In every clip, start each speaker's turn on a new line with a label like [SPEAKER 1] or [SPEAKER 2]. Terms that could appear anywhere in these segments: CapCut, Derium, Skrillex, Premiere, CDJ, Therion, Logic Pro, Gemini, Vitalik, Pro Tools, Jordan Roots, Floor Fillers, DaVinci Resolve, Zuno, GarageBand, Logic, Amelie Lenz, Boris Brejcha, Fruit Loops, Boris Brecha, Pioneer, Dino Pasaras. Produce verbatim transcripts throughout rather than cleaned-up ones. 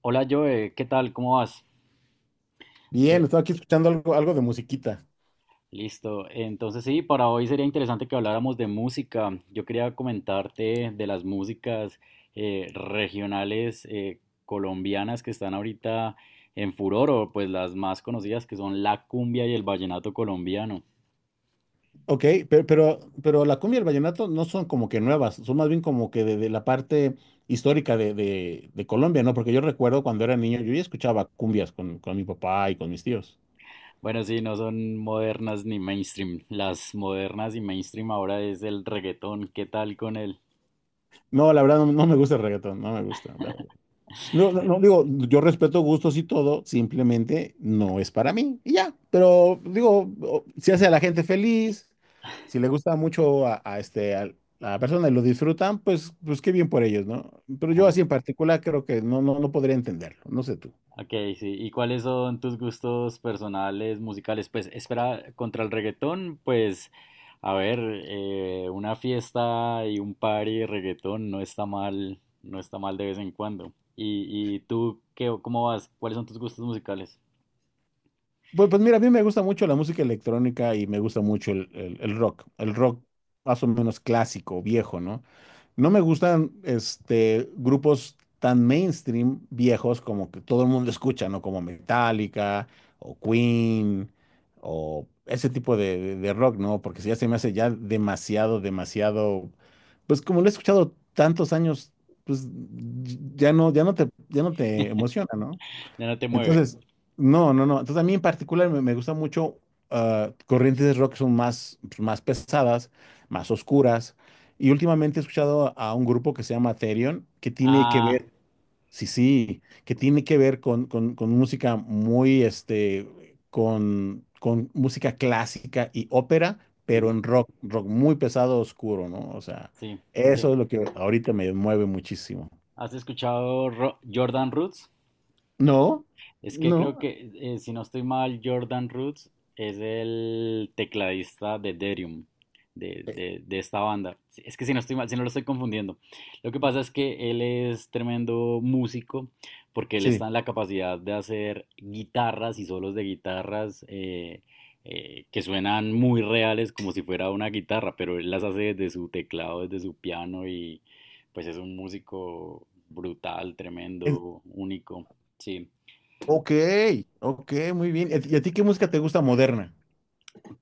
[SPEAKER 1] Hola Joe, ¿qué tal? ¿Cómo vas?
[SPEAKER 2] Bien,
[SPEAKER 1] Eh,
[SPEAKER 2] estaba aquí escuchando algo, algo de musiquita.
[SPEAKER 1] Listo. Entonces sí, para hoy sería interesante que habláramos de música. Yo quería comentarte de las músicas eh, regionales eh, colombianas que están ahorita en furor, o pues las más conocidas que son la cumbia y el vallenato colombiano.
[SPEAKER 2] Ok, pero, pero, pero la cumbia y el vallenato no son como que nuevas, son más bien como que de, de la parte histórica de, de- de Colombia, ¿no? Porque yo recuerdo cuando era niño, yo ya escuchaba cumbias con, con mi papá y con mis tíos.
[SPEAKER 1] Bueno, sí, no son modernas ni mainstream. Las modernas y mainstream ahora es el reggaetón. ¿Qué tal con él?
[SPEAKER 2] No, la verdad no, no me gusta el reggaetón, no me gusta. No, no, no, digo, yo respeto gustos y todo, simplemente no es para mí y ya. Pero digo, o- si hace a la gente feliz, si le gusta mucho a, a este al- a la persona y lo disfrutan, pues, pues qué bien por ellos, ¿no? Pero yo así en particular creo que no, no, no podría entenderlo. No sé tú.
[SPEAKER 1] Ok, sí. ¿Y cuáles son tus gustos personales, musicales? Pues espera, contra el reggaetón, pues, a ver, eh, una fiesta y un party de reggaetón no está mal, no está mal de vez en cuando. ¿Y, y tú qué, cómo vas? ¿Cuáles son tus gustos musicales?
[SPEAKER 2] Pues, pues mira, a mí me gusta mucho la música electrónica y me gusta mucho el, el- el rock, el rock más o menos clásico, viejo, ¿no? No me gustan este, grupos tan mainstream viejos como que todo el mundo escucha, ¿no? Como Metallica o Queen o ese tipo de, de- de rock, ¿no? Porque si ya se me hace ya demasiado, demasiado, pues como lo he escuchado tantos años, pues ya no, ya no te, ya no te emociona, ¿no?
[SPEAKER 1] Ya no te mueve.
[SPEAKER 2] Entonces, no, no, no. Entonces, a mí en particular me, me gusta mucho ah, corrientes de rock que son más, pues, más pesadas, más oscuras. Y últimamente he escuchado a un grupo que se llama Therion, que tiene que
[SPEAKER 1] Ah,
[SPEAKER 2] ver, sí, sí, que tiene que ver con, con- con música muy, este, con, con música clásica y ópera, pero
[SPEAKER 1] ujú,
[SPEAKER 2] en rock, rock muy pesado, oscuro, ¿no? O sea,
[SPEAKER 1] sí, sí.
[SPEAKER 2] eso es lo que ahorita me mueve muchísimo.
[SPEAKER 1] ¿Has escuchado Ro- Jordan Roots?
[SPEAKER 2] No,
[SPEAKER 1] Es que
[SPEAKER 2] no,
[SPEAKER 1] creo que, eh, si no estoy mal, Jordan Roots es el tecladista de Derium, de,
[SPEAKER 2] eh,
[SPEAKER 1] de- de esta banda. Si- Es que si no estoy mal, si no lo estoy confundiendo. Lo que pasa es que él es tremendo músico, porque él
[SPEAKER 2] sí.
[SPEAKER 1] está en la capacidad de hacer guitarras y solos de guitarras eh, eh, que suenan muy reales, como si fuera una guitarra, pero él las hace desde su teclado, desde su piano, y pues es un músico brutal, tremendo, único. Sí.
[SPEAKER 2] Ok, ok, muy bien. ¿Y a ti y a ti qué música te gusta moderna?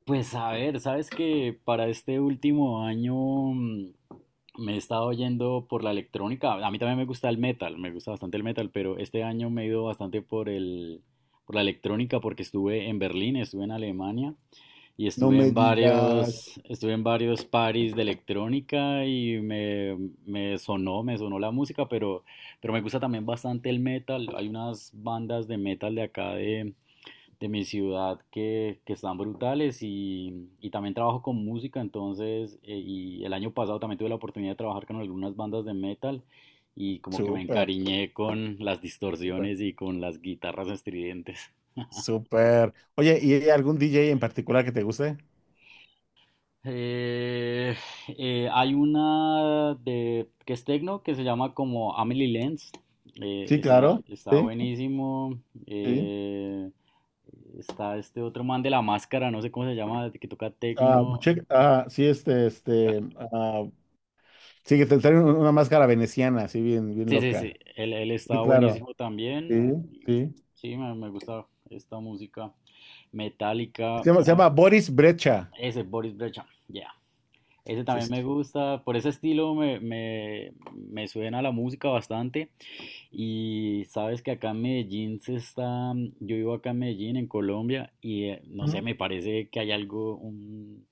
[SPEAKER 1] Pues a ver, sabes que para este último año mm, me he estado yendo por la electrónica. A mí también me gusta el metal, me gusta bastante el metal, pero este año me he ido bastante por el, por la electrónica porque estuve en Berlín, estuve en Alemania y
[SPEAKER 2] No
[SPEAKER 1] estuve
[SPEAKER 2] me
[SPEAKER 1] en
[SPEAKER 2] digas.
[SPEAKER 1] varios, estuve en varios parties de electrónica y me, me sonó, me sonó la música, pero, pero me gusta también bastante el metal. Hay unas bandas de metal de acá de de mi ciudad que, que están brutales y, y también trabajo con música, entonces, eh, y el año pasado también tuve la oportunidad de trabajar con algunas bandas de metal y como que me
[SPEAKER 2] Súper,
[SPEAKER 1] encariñé con las
[SPEAKER 2] súper,
[SPEAKER 1] distorsiones y con las guitarras estridentes.
[SPEAKER 2] súper. Oye, ¿y hay algún D J en particular que te guste?
[SPEAKER 1] Eh, eh, Hay una de, que es techno que se llama como Amelie Lenz, eh,
[SPEAKER 2] Sí,
[SPEAKER 1] está,
[SPEAKER 2] claro.
[SPEAKER 1] está
[SPEAKER 2] Sí,
[SPEAKER 1] buenísimo.
[SPEAKER 2] sí.
[SPEAKER 1] eh, Está este otro man de la máscara, no sé cómo se llama, que toca
[SPEAKER 2] Ah,
[SPEAKER 1] techno.
[SPEAKER 2] che- ah, sí, este, este. ah, Sí, que te trae un- una máscara veneciana, así bien, bien
[SPEAKER 1] Sí, sí, sí,
[SPEAKER 2] loca.
[SPEAKER 1] él, él
[SPEAKER 2] Sí,
[SPEAKER 1] estaba
[SPEAKER 2] claro.
[SPEAKER 1] buenísimo
[SPEAKER 2] Sí,
[SPEAKER 1] también.
[SPEAKER 2] sí.
[SPEAKER 1] Y sí, me, me gusta esta música
[SPEAKER 2] Se
[SPEAKER 1] metálica.
[SPEAKER 2] llama, se llama Boris Brecha.
[SPEAKER 1] Ese Boris Brejcha, ya. Ese
[SPEAKER 2] Sí,
[SPEAKER 1] también
[SPEAKER 2] sí,
[SPEAKER 1] me
[SPEAKER 2] sí.
[SPEAKER 1] gusta. Por ese estilo me, me, me suena la música bastante. Y sabes que acá en Medellín se está. Yo vivo acá en Medellín, en Colombia, y eh, no sé,
[SPEAKER 2] Ujú.
[SPEAKER 1] me parece que hay algo, un,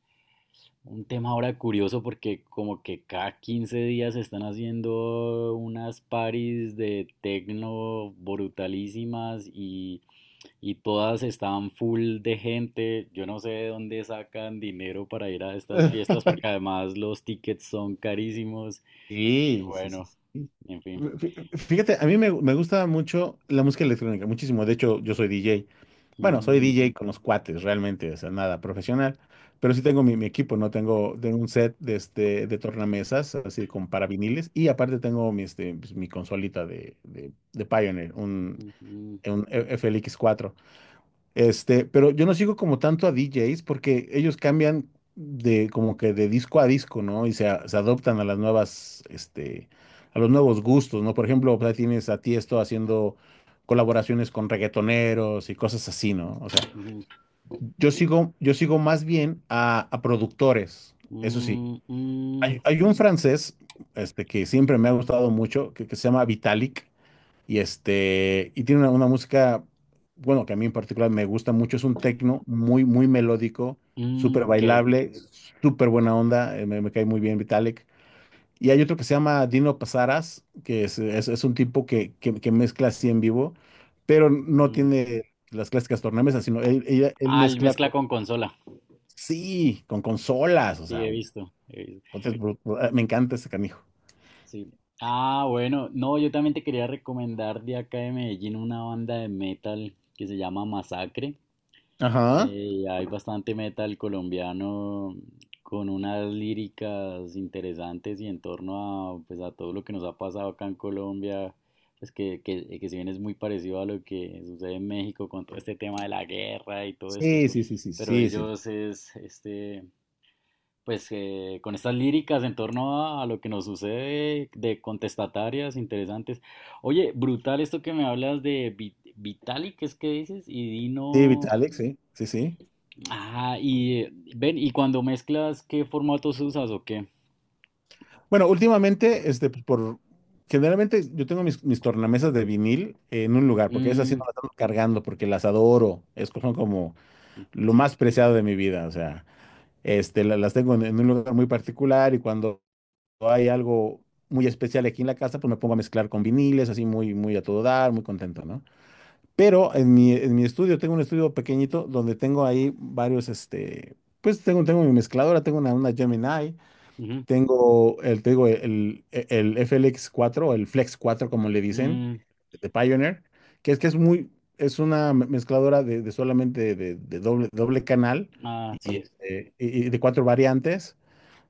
[SPEAKER 1] un tema ahora curioso porque como que cada quince días están haciendo unas paris de tecno brutalísimas y, y todas están full de gente. Yo no sé de dónde sacan dinero para ir a estas fiestas porque además los tickets son carísimos. Y
[SPEAKER 2] Sí, sí, sí.
[SPEAKER 1] bueno,
[SPEAKER 2] Sí.
[SPEAKER 1] en fin.
[SPEAKER 2] Fí- Fíjate, a mí me, me gusta mucho la música electrónica, muchísimo. De hecho, yo soy D J. Bueno, soy
[SPEAKER 1] Mm,
[SPEAKER 2] D J con los cuates, realmente, o sea, nada profesional. Pero sí tengo mi, mi equipo, ¿no? Tengo, tengo un set de, este, de tornamesas, así con para viniles. Y aparte tengo mi, este, pues, mi consolita de, de, de Pioneer, un,
[SPEAKER 1] ujú, ujú,
[SPEAKER 2] un F L X cuatro. Este, pero yo no sigo como tanto a D Js porque ellos cambian de como que de disco a disco, ¿no? Y se, a- se adoptan a las nuevas, este, a los nuevos gustos, ¿no? Por ejemplo, pues, ahí tienes a Tiesto haciendo colaboraciones con reggaetoneros y cosas así, ¿no? O sea,
[SPEAKER 1] ujú.
[SPEAKER 2] yo sigo, yo sigo más bien a, a productores, eso sí.
[SPEAKER 1] Mm, mm,
[SPEAKER 2] Hay, hay un francés, este, que siempre me ha gustado mucho, que, que se llama Vitalik. Y este, y tiene una, una música, bueno, que a mí en particular me gusta mucho, es un tecno muy, muy melódico,
[SPEAKER 1] mm,
[SPEAKER 2] súper
[SPEAKER 1] ok.
[SPEAKER 2] bailable, súper buena onda, eh, me, me cae muy bien Vitalik. Y hay otro que se llama Dino Pasaras, que es, es- es un tipo que, que- que mezcla así en vivo, pero no
[SPEAKER 1] Mm.
[SPEAKER 2] tiene las clásicas tornamesas, sino él, ella- él
[SPEAKER 1] Ah, el
[SPEAKER 2] mezcla
[SPEAKER 1] mezcla
[SPEAKER 2] con,
[SPEAKER 1] con consola.
[SPEAKER 2] sí, con consolas, o
[SPEAKER 1] Sí,
[SPEAKER 2] sea,
[SPEAKER 1] he visto, he visto.
[SPEAKER 2] puta, es bru- bru- me encanta ese canijo.
[SPEAKER 1] Sí. Ah, bueno, no, yo también te quería recomendar de acá de Medellín una banda de metal que se llama Masacre.
[SPEAKER 2] Ajá.
[SPEAKER 1] Eh, hay bastante metal colombiano con unas líricas interesantes y en torno a, pues, a todo lo que nos ha pasado acá en Colombia, pues que, que, que si bien es muy parecido a lo que sucede en México con todo este tema de la guerra y todo esto,
[SPEAKER 2] Sí, sí, sí, sí,
[SPEAKER 1] pero
[SPEAKER 2] sí, sí.
[SPEAKER 1] ellos es este, pues eh, con estas líricas en torno a, a lo que nos sucede de contestatarias interesantes. Oye, brutal esto que me hablas de Vi- Vitalik, ¿qué es que dices? Y
[SPEAKER 2] Sí,
[SPEAKER 1] Dino.
[SPEAKER 2] Vitalik, sí, sí, sí.
[SPEAKER 1] Ah, y eh, ven, y cuando mezclas, ¿qué formatos usas o qué?
[SPEAKER 2] Bueno, últimamente, este, pues, por generalmente yo tengo mis, mis tornamesas de vinil en un lugar, porque esas sí
[SPEAKER 1] Mm,
[SPEAKER 2] no las ando cargando, porque las adoro, es como, como lo más
[SPEAKER 1] sí.
[SPEAKER 2] preciado de mi vida, o sea, este, la- las tengo en, en un lugar muy particular y cuando hay algo muy especial aquí en la casa, pues me pongo a mezclar con viniles, así muy, muy a todo dar, muy contento, ¿no? Pero en mi, en mi estudio, tengo un estudio pequeñito donde tengo ahí varios, este, pues tengo, tengo mi mezcladora, tengo una, una Gemini,
[SPEAKER 1] Ujú,
[SPEAKER 2] tengo el, te digo, el, el F L X cuatro o el Flex cuatro como le dicen,
[SPEAKER 1] mm,
[SPEAKER 2] de Pioneer, que es que es muy, es una me- mezcladora de, de solamente de, de doble, doble canal
[SPEAKER 1] ah,
[SPEAKER 2] y,
[SPEAKER 1] sí.
[SPEAKER 2] este, y- y de cuatro variantes.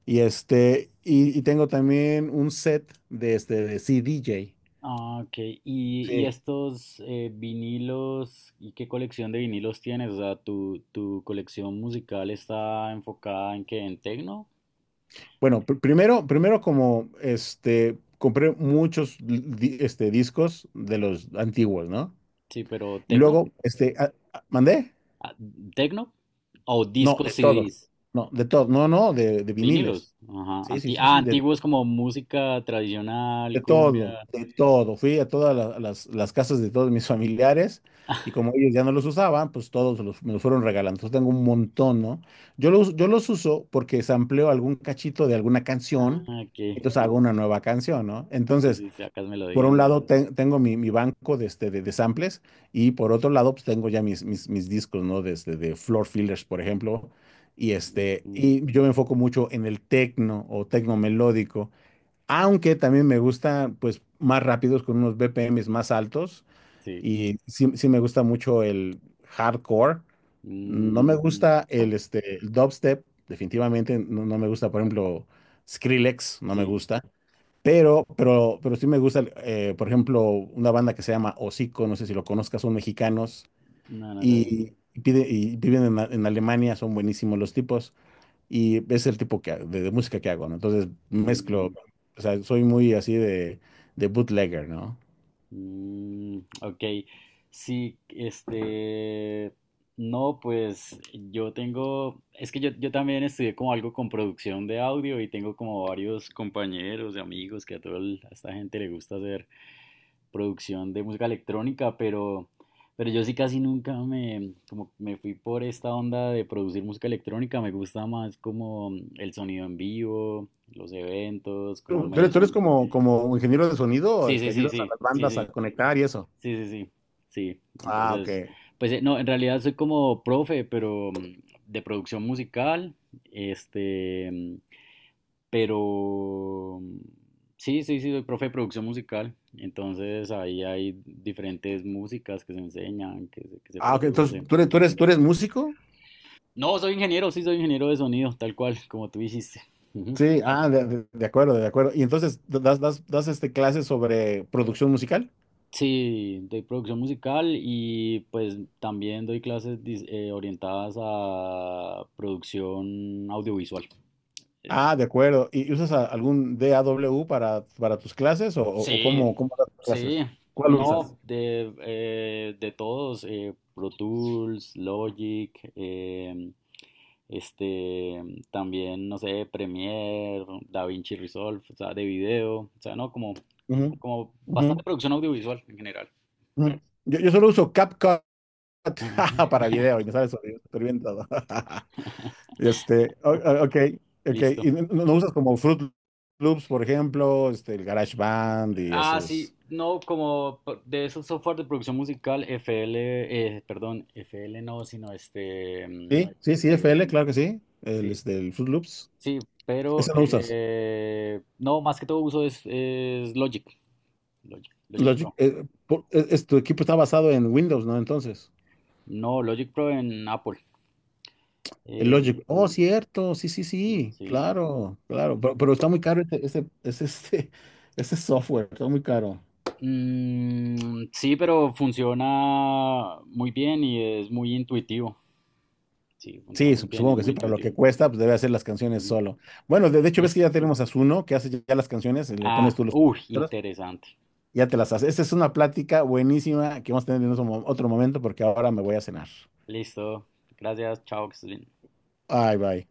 [SPEAKER 2] Y este, y, y tengo también un set de este de C D J.
[SPEAKER 1] Ah, ok. ¿Y, y
[SPEAKER 2] Sí.
[SPEAKER 1] estos eh, vinilos? ¿Y qué colección de vinilos tienes? O sea, ¿tu, tu colección musical está enfocada en qué? ¿En tecno?
[SPEAKER 2] Bueno, pr- primero, primero como este, compré muchos di- este, discos de los antiguos, ¿no?
[SPEAKER 1] Sí, pero
[SPEAKER 2] Y
[SPEAKER 1] ¿tecno?
[SPEAKER 2] luego, este, a- a- ¿mandé?
[SPEAKER 1] Ah, ¿tecno? O
[SPEAKER 2] No, de
[SPEAKER 1] discos
[SPEAKER 2] todo.
[SPEAKER 1] C Ds.
[SPEAKER 2] No, de todo. No, no, de, de viniles.
[SPEAKER 1] Vinilos. Ajá.
[SPEAKER 2] Sí, sí,
[SPEAKER 1] Anti
[SPEAKER 2] sí,
[SPEAKER 1] ah,
[SPEAKER 2] sí, de,
[SPEAKER 1] antiguos como música tradicional,
[SPEAKER 2] de
[SPEAKER 1] cumbia.
[SPEAKER 2] todo, de todo. Fui a todas la- las, las casas de todos mis familiares y como ellos ya no los usaban, pues todos los- me los fueron regalando. Entonces tengo un montón, ¿no? Yo los, yo los uso porque sampleo algún cachito de alguna canción,
[SPEAKER 1] Ah, que
[SPEAKER 2] entonces hago una nueva canción, ¿no?
[SPEAKER 1] sí,
[SPEAKER 2] Entonces,
[SPEAKER 1] sí, sí, acá es
[SPEAKER 2] por
[SPEAKER 1] melodías.
[SPEAKER 2] un lado ten- tengo mi, mi banco de, este, de, de samples y por otro lado pues, tengo ya mis, mis, mis discos, ¿no? Desde de Floor Fillers, por ejemplo. Y, este,
[SPEAKER 1] Mm,
[SPEAKER 2] y yo me enfoco mucho en el tecno o tecno melódico, aunque también me gusta pues más rápidos con unos B P Ms más altos
[SPEAKER 1] sí.
[SPEAKER 2] y sí, sí me gusta mucho el hardcore. No
[SPEAKER 1] Mm,
[SPEAKER 2] me Mm, gusta el, este, el dubstep, definitivamente no, no me gusta, por ejemplo, Skrillex, no me
[SPEAKER 1] sí.
[SPEAKER 2] gusta. Pero, pero, pero sí me gusta, eh, por ejemplo, una banda que se llama Hocico, no sé si lo conozcas, son mexicanos
[SPEAKER 1] No, no,
[SPEAKER 2] y, pide- y viven en, A- en Alemania, son buenísimos los tipos y es el tipo que, ha- de, de música que hago, ¿no? Entonces mezclo,
[SPEAKER 1] no.
[SPEAKER 2] o sea, soy muy así de, de bootlegger, ¿no?
[SPEAKER 1] Mm, ok, sí, este, no, pues yo tengo, es que yo, yo también estudié como algo con producción de audio y tengo como varios compañeros y amigos que a toda el- a esta gente le gusta hacer producción de música electrónica, pero, pero yo sí casi nunca me, como me fui por esta onda de producir música electrónica, me gusta más como el sonido en vivo, los eventos, como
[SPEAKER 2] ¿Tú tú eres,
[SPEAKER 1] me...
[SPEAKER 2] tú eres como, como ingeniero de sonido?
[SPEAKER 1] Sí,
[SPEAKER 2] Este,
[SPEAKER 1] sí, sí,
[SPEAKER 2] ¿ayudas a
[SPEAKER 1] sí,
[SPEAKER 2] las
[SPEAKER 1] sí,
[SPEAKER 2] bandas a
[SPEAKER 1] sí.
[SPEAKER 2] conectar y eso?
[SPEAKER 1] Sí, sí, sí, sí.
[SPEAKER 2] Ah, ok.
[SPEAKER 1] Entonces, pues eh, no, en realidad soy como profe, pero mm, de producción musical, este, mm, pero mm, sí, sí, sí, soy profe de producción musical. Entonces ahí hay diferentes músicas que se enseñan, que se, que se
[SPEAKER 2] Ah, ok. Entonces,
[SPEAKER 1] produce.
[SPEAKER 2] ¿tú eres, tú eres, tú eres músico?
[SPEAKER 1] No, soy ingeniero, sí, soy ingeniero de sonido, tal cual, como tú dijiste.
[SPEAKER 2] Sí, ah, de, de- de acuerdo, de acuerdo. Y entonces, ¿das, das, das este clases sobre producción musical?
[SPEAKER 1] Sí, de producción musical y pues también doy clases dis- eh, orientadas a producción audiovisual. Eh,
[SPEAKER 2] Ah, de acuerdo. ¿Y y usas a- algún dao para, para tus clases o, o- o
[SPEAKER 1] Sí,
[SPEAKER 2] cómo, cómo das tus
[SPEAKER 1] sí,
[SPEAKER 2] clases? ¿Cuál usas?
[SPEAKER 1] no, de, eh, de todos, eh, Pro Tools, Logic, em, este, también, no sé, Premiere, DaVinci Resolve, o sea, de video, o sea, no, como,
[SPEAKER 2] Ujú,
[SPEAKER 1] como
[SPEAKER 2] ujú,
[SPEAKER 1] bastante producción audiovisual en general.
[SPEAKER 2] ujú. Yo, yo solo uso CapCut para video y me sale súper bien súper bien todo. Este, o- o- ok, ok. ¿Y
[SPEAKER 1] Listo.
[SPEAKER 2] no, no usas como Fruit Loops, por ejemplo, este, el GarageBand y
[SPEAKER 1] Ah,
[SPEAKER 2] esos?
[SPEAKER 1] sí, no, como p- de esos software de producción musical, F L, eh, perdón, F L no, sino este,
[SPEAKER 2] Sí,
[SPEAKER 1] mm,
[SPEAKER 2] sí, sí, F L, claro que sí. El,
[SPEAKER 1] sí,
[SPEAKER 2] este, el Fruit Loops.
[SPEAKER 1] sí, pero
[SPEAKER 2] Ese no usas.
[SPEAKER 1] eh, no, más que todo uso es, es Logic, Logic, Logic
[SPEAKER 2] Logic,
[SPEAKER 1] Pro.
[SPEAKER 2] eh, por- es- es- tu equipo está basado en Windows, ¿no? Entonces,
[SPEAKER 1] No, Logic Pro en Apple.
[SPEAKER 2] el
[SPEAKER 1] eh,
[SPEAKER 2] Logic. Oh, cierto, sí, sí, sí,
[SPEAKER 1] sí.
[SPEAKER 2] claro, claro. Pero, pero está muy caro ese, ese, ese, este, ese software, está muy caro.
[SPEAKER 1] Mm, sí, pero funciona muy bien y es muy intuitivo. Sí, funciona
[SPEAKER 2] Sí,
[SPEAKER 1] muy
[SPEAKER 2] sup-
[SPEAKER 1] bien,
[SPEAKER 2] supongo
[SPEAKER 1] es
[SPEAKER 2] que sí,
[SPEAKER 1] muy
[SPEAKER 2] para lo
[SPEAKER 1] intuitivo.
[SPEAKER 2] que cuesta, pues debe hacer las canciones
[SPEAKER 1] Ujú.
[SPEAKER 2] solo. Bueno, de, de hecho, ves que
[SPEAKER 1] Listo.
[SPEAKER 2] ya tenemos a Zuno, que hace ya ya las canciones, eh, le pones
[SPEAKER 1] Ah,
[SPEAKER 2] tú los
[SPEAKER 1] uy,
[SPEAKER 2] letras,
[SPEAKER 1] interesante.
[SPEAKER 2] y ya te las hace. Esa es una plática buenísima que vamos a tener en otro mo- otro momento, porque ahora me voy a cenar.
[SPEAKER 1] Listo. Gracias. Chao, que estés bien.
[SPEAKER 2] Bye bye.